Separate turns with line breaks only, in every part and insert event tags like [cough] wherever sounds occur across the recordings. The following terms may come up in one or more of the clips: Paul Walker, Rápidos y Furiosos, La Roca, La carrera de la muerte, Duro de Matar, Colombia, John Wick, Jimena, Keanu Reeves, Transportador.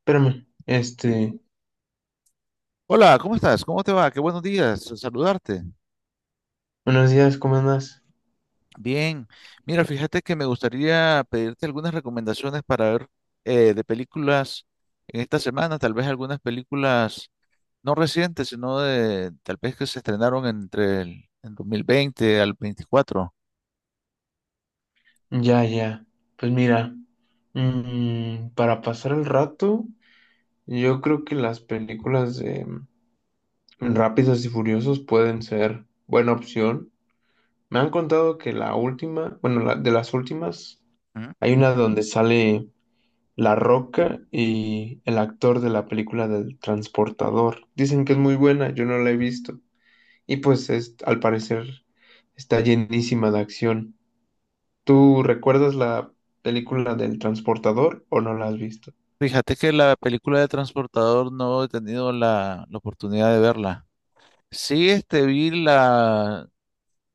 Espérame, este,
Hola, ¿cómo estás? ¿Cómo te va? Qué buenos días, saludarte.
buenos días, ¿cómo andas?
Bien, mira, fíjate que me gustaría pedirte algunas recomendaciones para ver, de películas en esta semana, tal vez algunas películas no recientes, sino de tal vez que se estrenaron entre el 2020 al 24.
Ya, ya, pues mira, para pasar el rato, yo creo que las películas de Rápidos y Furiosos pueden ser buena opción. Me han contado que la última, bueno, de las últimas,
¿Mm?
hay una donde sale La Roca y el actor de la película del Transportador. Dicen que es muy buena, yo no la he visto. Y pues es, al parecer está llenísima de acción. ¿Tú recuerdas la película del transportador o no la has visto?
Fíjate que la película de Transportador no he tenido la oportunidad de verla. Sí,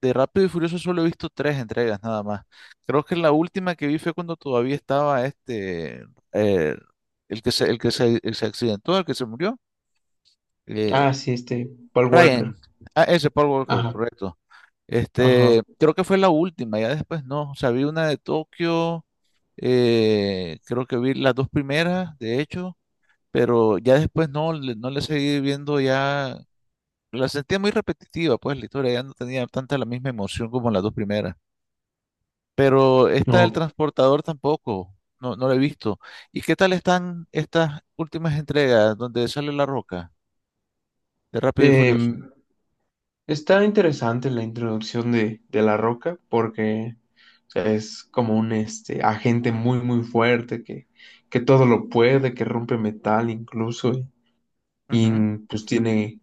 de Rápido y Furioso solo he visto tres entregas nada más. Creo que la última que vi fue cuando todavía estaba eh, el se accidentó, el que se murió, eh,
Ah, sí, este, Paul
Ryan.
Walker.
Ah, ese Paul Walker,
Ajá,
correcto.
ajá,
Creo que fue la última, ya después no. O sea, vi una de Tokio, creo que vi las dos primeras, de hecho, pero ya después no, no le seguí viendo ya. La sentía muy repetitiva, pues la historia ya no tenía tanta la misma emoción como las dos primeras. Pero esta del
no.
transportador tampoco, no, no la he visto. ¿Y qué tal están estas últimas entregas donde sale La Roca de Rápido y Furioso?
Em, Está interesante la introducción de, La Roca porque, o sea, es como un este, agente muy, muy fuerte que todo lo puede, que rompe metal incluso y
Ujú.
pues tiene,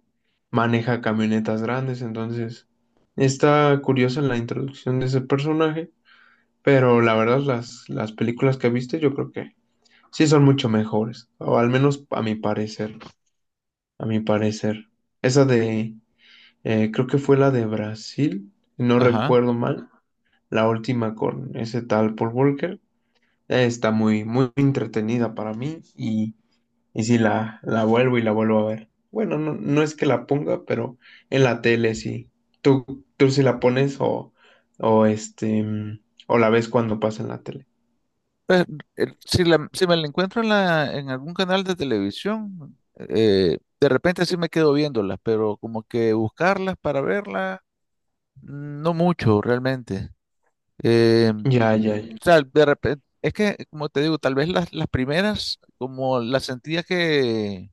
maneja camionetas grandes, entonces está curiosa la introducción de ese personaje. Pero la verdad, las películas que viste, yo creo que sí son mucho mejores. O al menos a mi parecer. A mi parecer. Esa de, creo que fue la de Brasil, si no
Ajá.
recuerdo mal. La última con ese tal Paul Walker. Está muy, muy entretenida para mí. Y sí la vuelvo y la vuelvo a ver. Bueno, no, no es que la ponga, pero en la tele sí. Tú sí la pones o este, o la ves cuando pasa en la tele.
Pues, si me la encuentro en, en algún canal de televisión, de repente sí me quedo viéndolas, pero como que buscarlas para verlas, no mucho realmente.
Ya,
O
ya,
sea, de repente, es que, como te digo, tal vez las primeras, como las sentía que,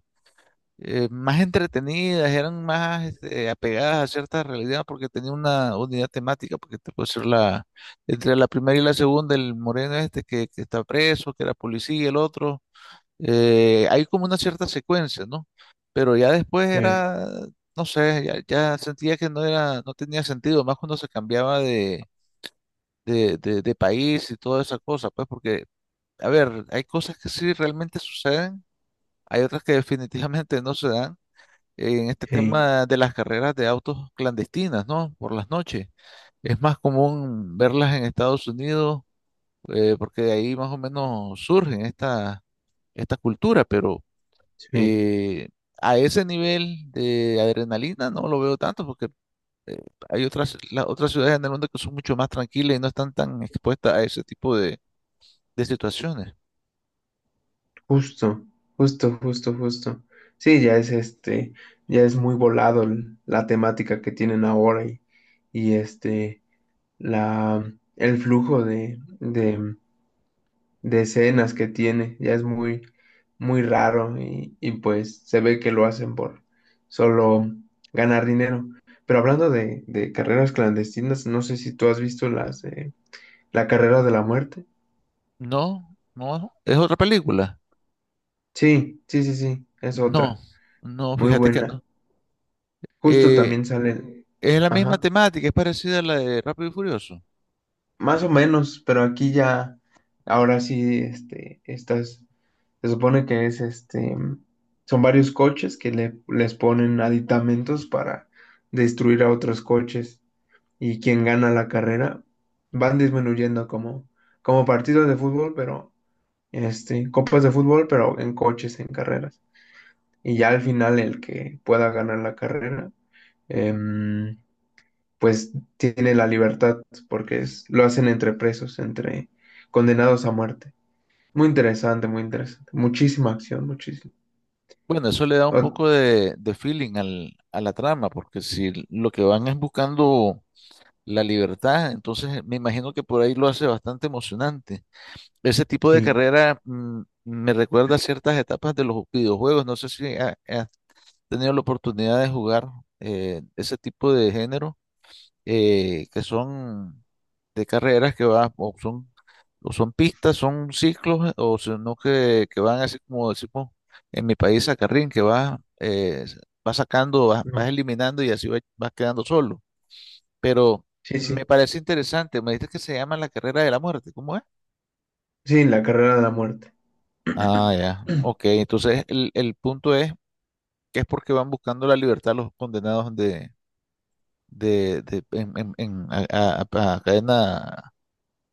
más entretenidas, eran más apegadas a cierta realidad porque tenía una unidad temática, porque te puedo decir entre la primera y la segunda, el moreno este que está preso, que era policía, el otro, hay como una cierta secuencia, ¿no? Pero ya después
sí,
era, no sé, ya sentía que no era, no tenía sentido, más cuando se cambiaba de, de país y toda esa cosa, pues porque, a ver, hay cosas que sí realmente suceden, hay otras que definitivamente no se dan en este
sí,
tema de las carreras de autos clandestinas, ¿no? Por las noches. Es más común verlas en Estados Unidos, porque de ahí más o menos surge esta, esta cultura, pero,
sí,
eh, a ese nivel de adrenalina no lo veo tanto, porque, eh, hay otras, las otras ciudades en el mundo que son mucho más tranquilas y no están tan expuestas a ese tipo de, situaciones.
justo, justo, justo, justo. Sí, ya es este, ya es muy volado la temática que tienen ahora y este, la, el flujo de, de escenas que tiene, ya es muy, muy raro y pues se ve que lo hacen por solo ganar dinero. Pero hablando de carreras clandestinas, no sé si tú has visto las de la carrera de la muerte.
No, no, es otra película.
Sí, sí, sí, sí, es
No,
otra.
no,
Muy
fíjate que no.
buena. Justo
Eh,
también salen,
es la misma
ajá,
temática, es parecida a la de Rápido y Furioso.
más o menos, pero aquí ya, ahora sí, este, estas, se supone que es este, son varios coches que les ponen aditamentos para destruir a otros coches y quien gana la carrera van disminuyendo como, como partidos de fútbol, pero, este, copas de fútbol, pero en coches, en carreras. Y ya al final el que pueda ganar la carrera. em, pues tiene la libertad porque es, lo hacen entre presos, entre condenados a muerte. Muy interesante, muy interesante. Muchísima acción, muchísimo.
Bueno, eso le da un
Oh,
poco de, feeling a la trama, porque si lo que van es buscando la libertad, entonces, me imagino que por ahí lo hace bastante emocionante. Ese tipo de
sí,
carrera, me recuerda a ciertas etapas de los videojuegos. No sé si has tenido la oportunidad de jugar, ese tipo de género, que son de carreras que van, o son, pistas, son ciclos, o sino que van así como decimos en mi país a carrín, que vas, vas sacando, vas
no,
eliminando, y así vas quedando solo. Pero
sí,
me
sí.
parece interesante, me dices que se llama La carrera de la muerte, ¿cómo es?
Sí, la carrera de la muerte.
Ah, ya. Ok,
[clears throat]
entonces el punto es que es porque van buscando la libertad los condenados de, de- en, en- en- a, a- a cadena.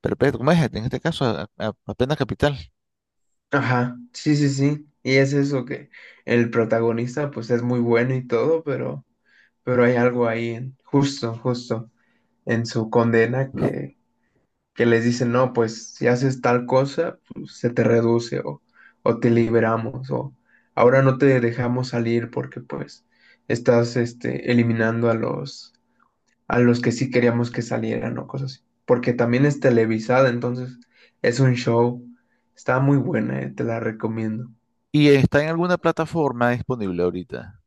Perfecto, como es? En este caso, apenas Capital.
Ajá, sí, sí, sí. Y es eso que el protagonista pues es muy bueno y todo, pero hay algo ahí en- justo, justo en su condena que les dicen, no, pues si haces tal cosa, pues, se te reduce o te liberamos o ahora no te dejamos salir porque pues estás este, eliminando a los que sí queríamos que salieran o cosas así. Porque también es televisada, entonces es un show. Está muy buena, te la recomiendo.
¿Y está en alguna plataforma disponible ahorita?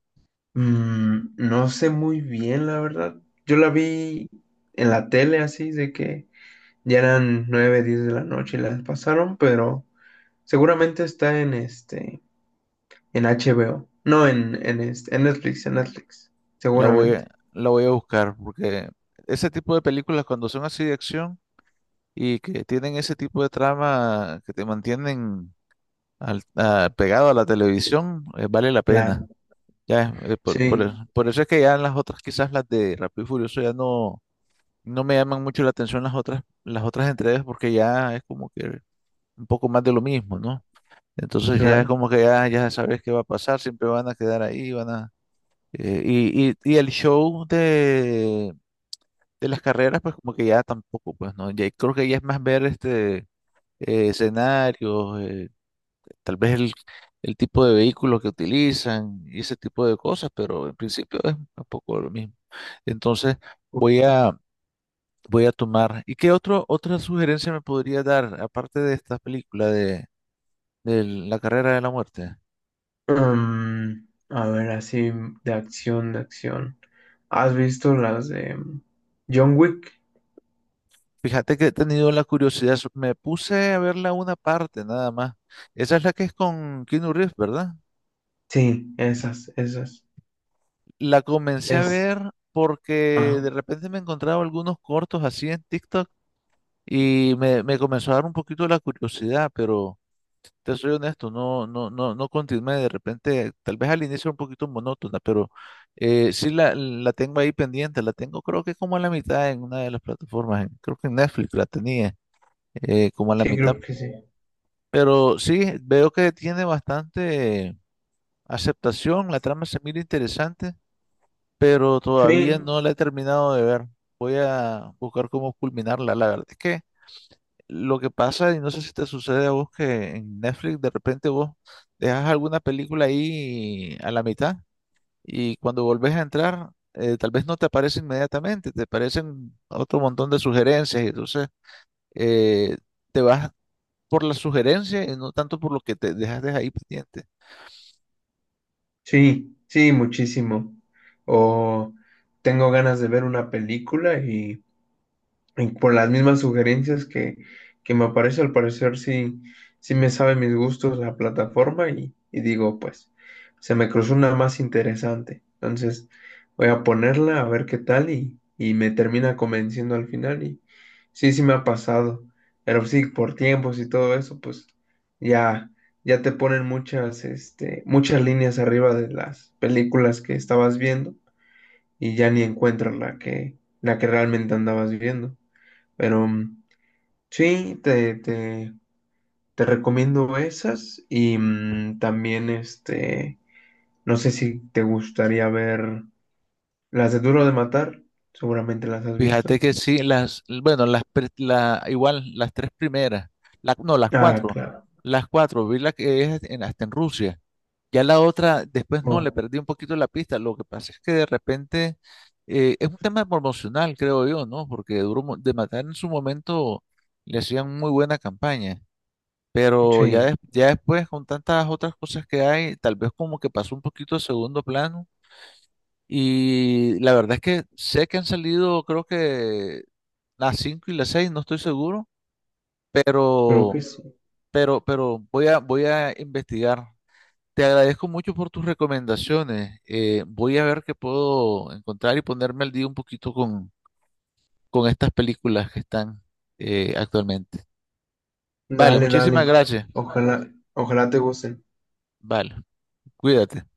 No sé muy bien, la verdad. Yo la vi en la tele así, de que ya eran 9 10 de la noche y las pasaron, pero seguramente está en este, en HBO. No, en, este, en Netflix, en Netflix.
La voy a,
Seguramente.
la voy a buscar porque ese tipo de películas, cuando son así de acción y que tienen ese tipo de trama que te mantienen, pegado a la televisión, vale la pena.
Claro.
Ya,
Sí,
por eso es que ya las otras, quizás las de Rápido y Furioso ya no, no me llaman mucho la atención, las otras entregas, porque ya es como que un poco más de lo mismo, ¿no? Entonces ya es
claro.
como que ya, ya sabes qué va a pasar, siempre van a quedar ahí, van a... y el show de, las carreras, pues como que ya tampoco, pues, ¿no? Ya creo que ya es más ver escenarios, tal vez el tipo de vehículo que utilizan y ese tipo de cosas, pero en principio es un poco lo mismo. Entonces, voy a, voy a tomar... ¿Y qué otra sugerencia me podría dar, aparte de esta película de, La carrera de la muerte?
A ver, así de acción, de acción. ¿Has visto las de John Wick?
Fíjate que he tenido la curiosidad, me puse a verla una parte nada más. Esa es la que es con Keanu Reeves, ¿verdad?
Sí, esas, esas.
La comencé a
Es.
ver porque
Ajá.
de repente me encontraba algunos cortos así en TikTok, y me comenzó a dar un poquito la curiosidad, pero te soy honesto, no, no, no, no continué. De repente, tal vez al inicio era un poquito monótona, pero, sí la tengo ahí pendiente, la tengo creo que como a la mitad en una de las plataformas, creo que en Netflix la tenía, como a la
Sí,
mitad.
creo que sí.
Pero sí, veo que tiene bastante aceptación, la trama se mira interesante, pero
Sí,
todavía no la he terminado de ver. Voy a buscar cómo culminarla. La verdad es que lo que pasa, y no sé si te sucede a vos, que en Netflix de repente vos dejas alguna película ahí a la mitad y cuando volvés a entrar, tal vez no te aparece inmediatamente, te aparecen otro montón de sugerencias, y entonces, eh, te vas por la sugerencia y no tanto por lo que te dejaste ahí pendiente.
sí, sí, muchísimo. O tengo ganas de ver una película. Y por las mismas sugerencias que me aparece, al parecer sí, sí me sabe mis gustos la plataforma y digo, pues, se me cruzó una más interesante. Entonces, voy a ponerla a ver qué tal y me termina convenciendo al final. Y sí, sí me ha pasado. Pero sí, por tiempos y todo eso, pues ya, ya te ponen muchas, este, muchas líneas arriba de las películas que estabas viendo y ya ni encuentras la que realmente andabas viendo. Pero sí, te, te recomiendo esas y también este, no sé si te gustaría ver las de Duro de Matar, seguramente las has visto.
Fíjate que sí, bueno, igual las tres primeras, no,
Ah, claro.
las cuatro, vi la que es hasta en Rusia. Ya la otra, después no, le
Oh,
perdí un poquito la pista. Lo que pasa es que de repente, es un tema promocional, creo yo, ¿no? Porque Duro de Matar, en su momento le hacían muy buena campaña, pero ya,
sí,
ya después con tantas otras cosas que hay, tal vez como que pasó un poquito a segundo plano, y la verdad es que sé que han salido, creo que las 5 y las seis, no estoy seguro,
creo
pero,
que sí.
voy a, voy a investigar. Te agradezco mucho por tus recomendaciones. Voy a ver qué puedo encontrar y ponerme al día un poquito con, estas películas que están, actualmente. Vale,
Dale, dale.
muchísimas gracias.
Ojalá, ojalá te gusten.
Vale, cuídate.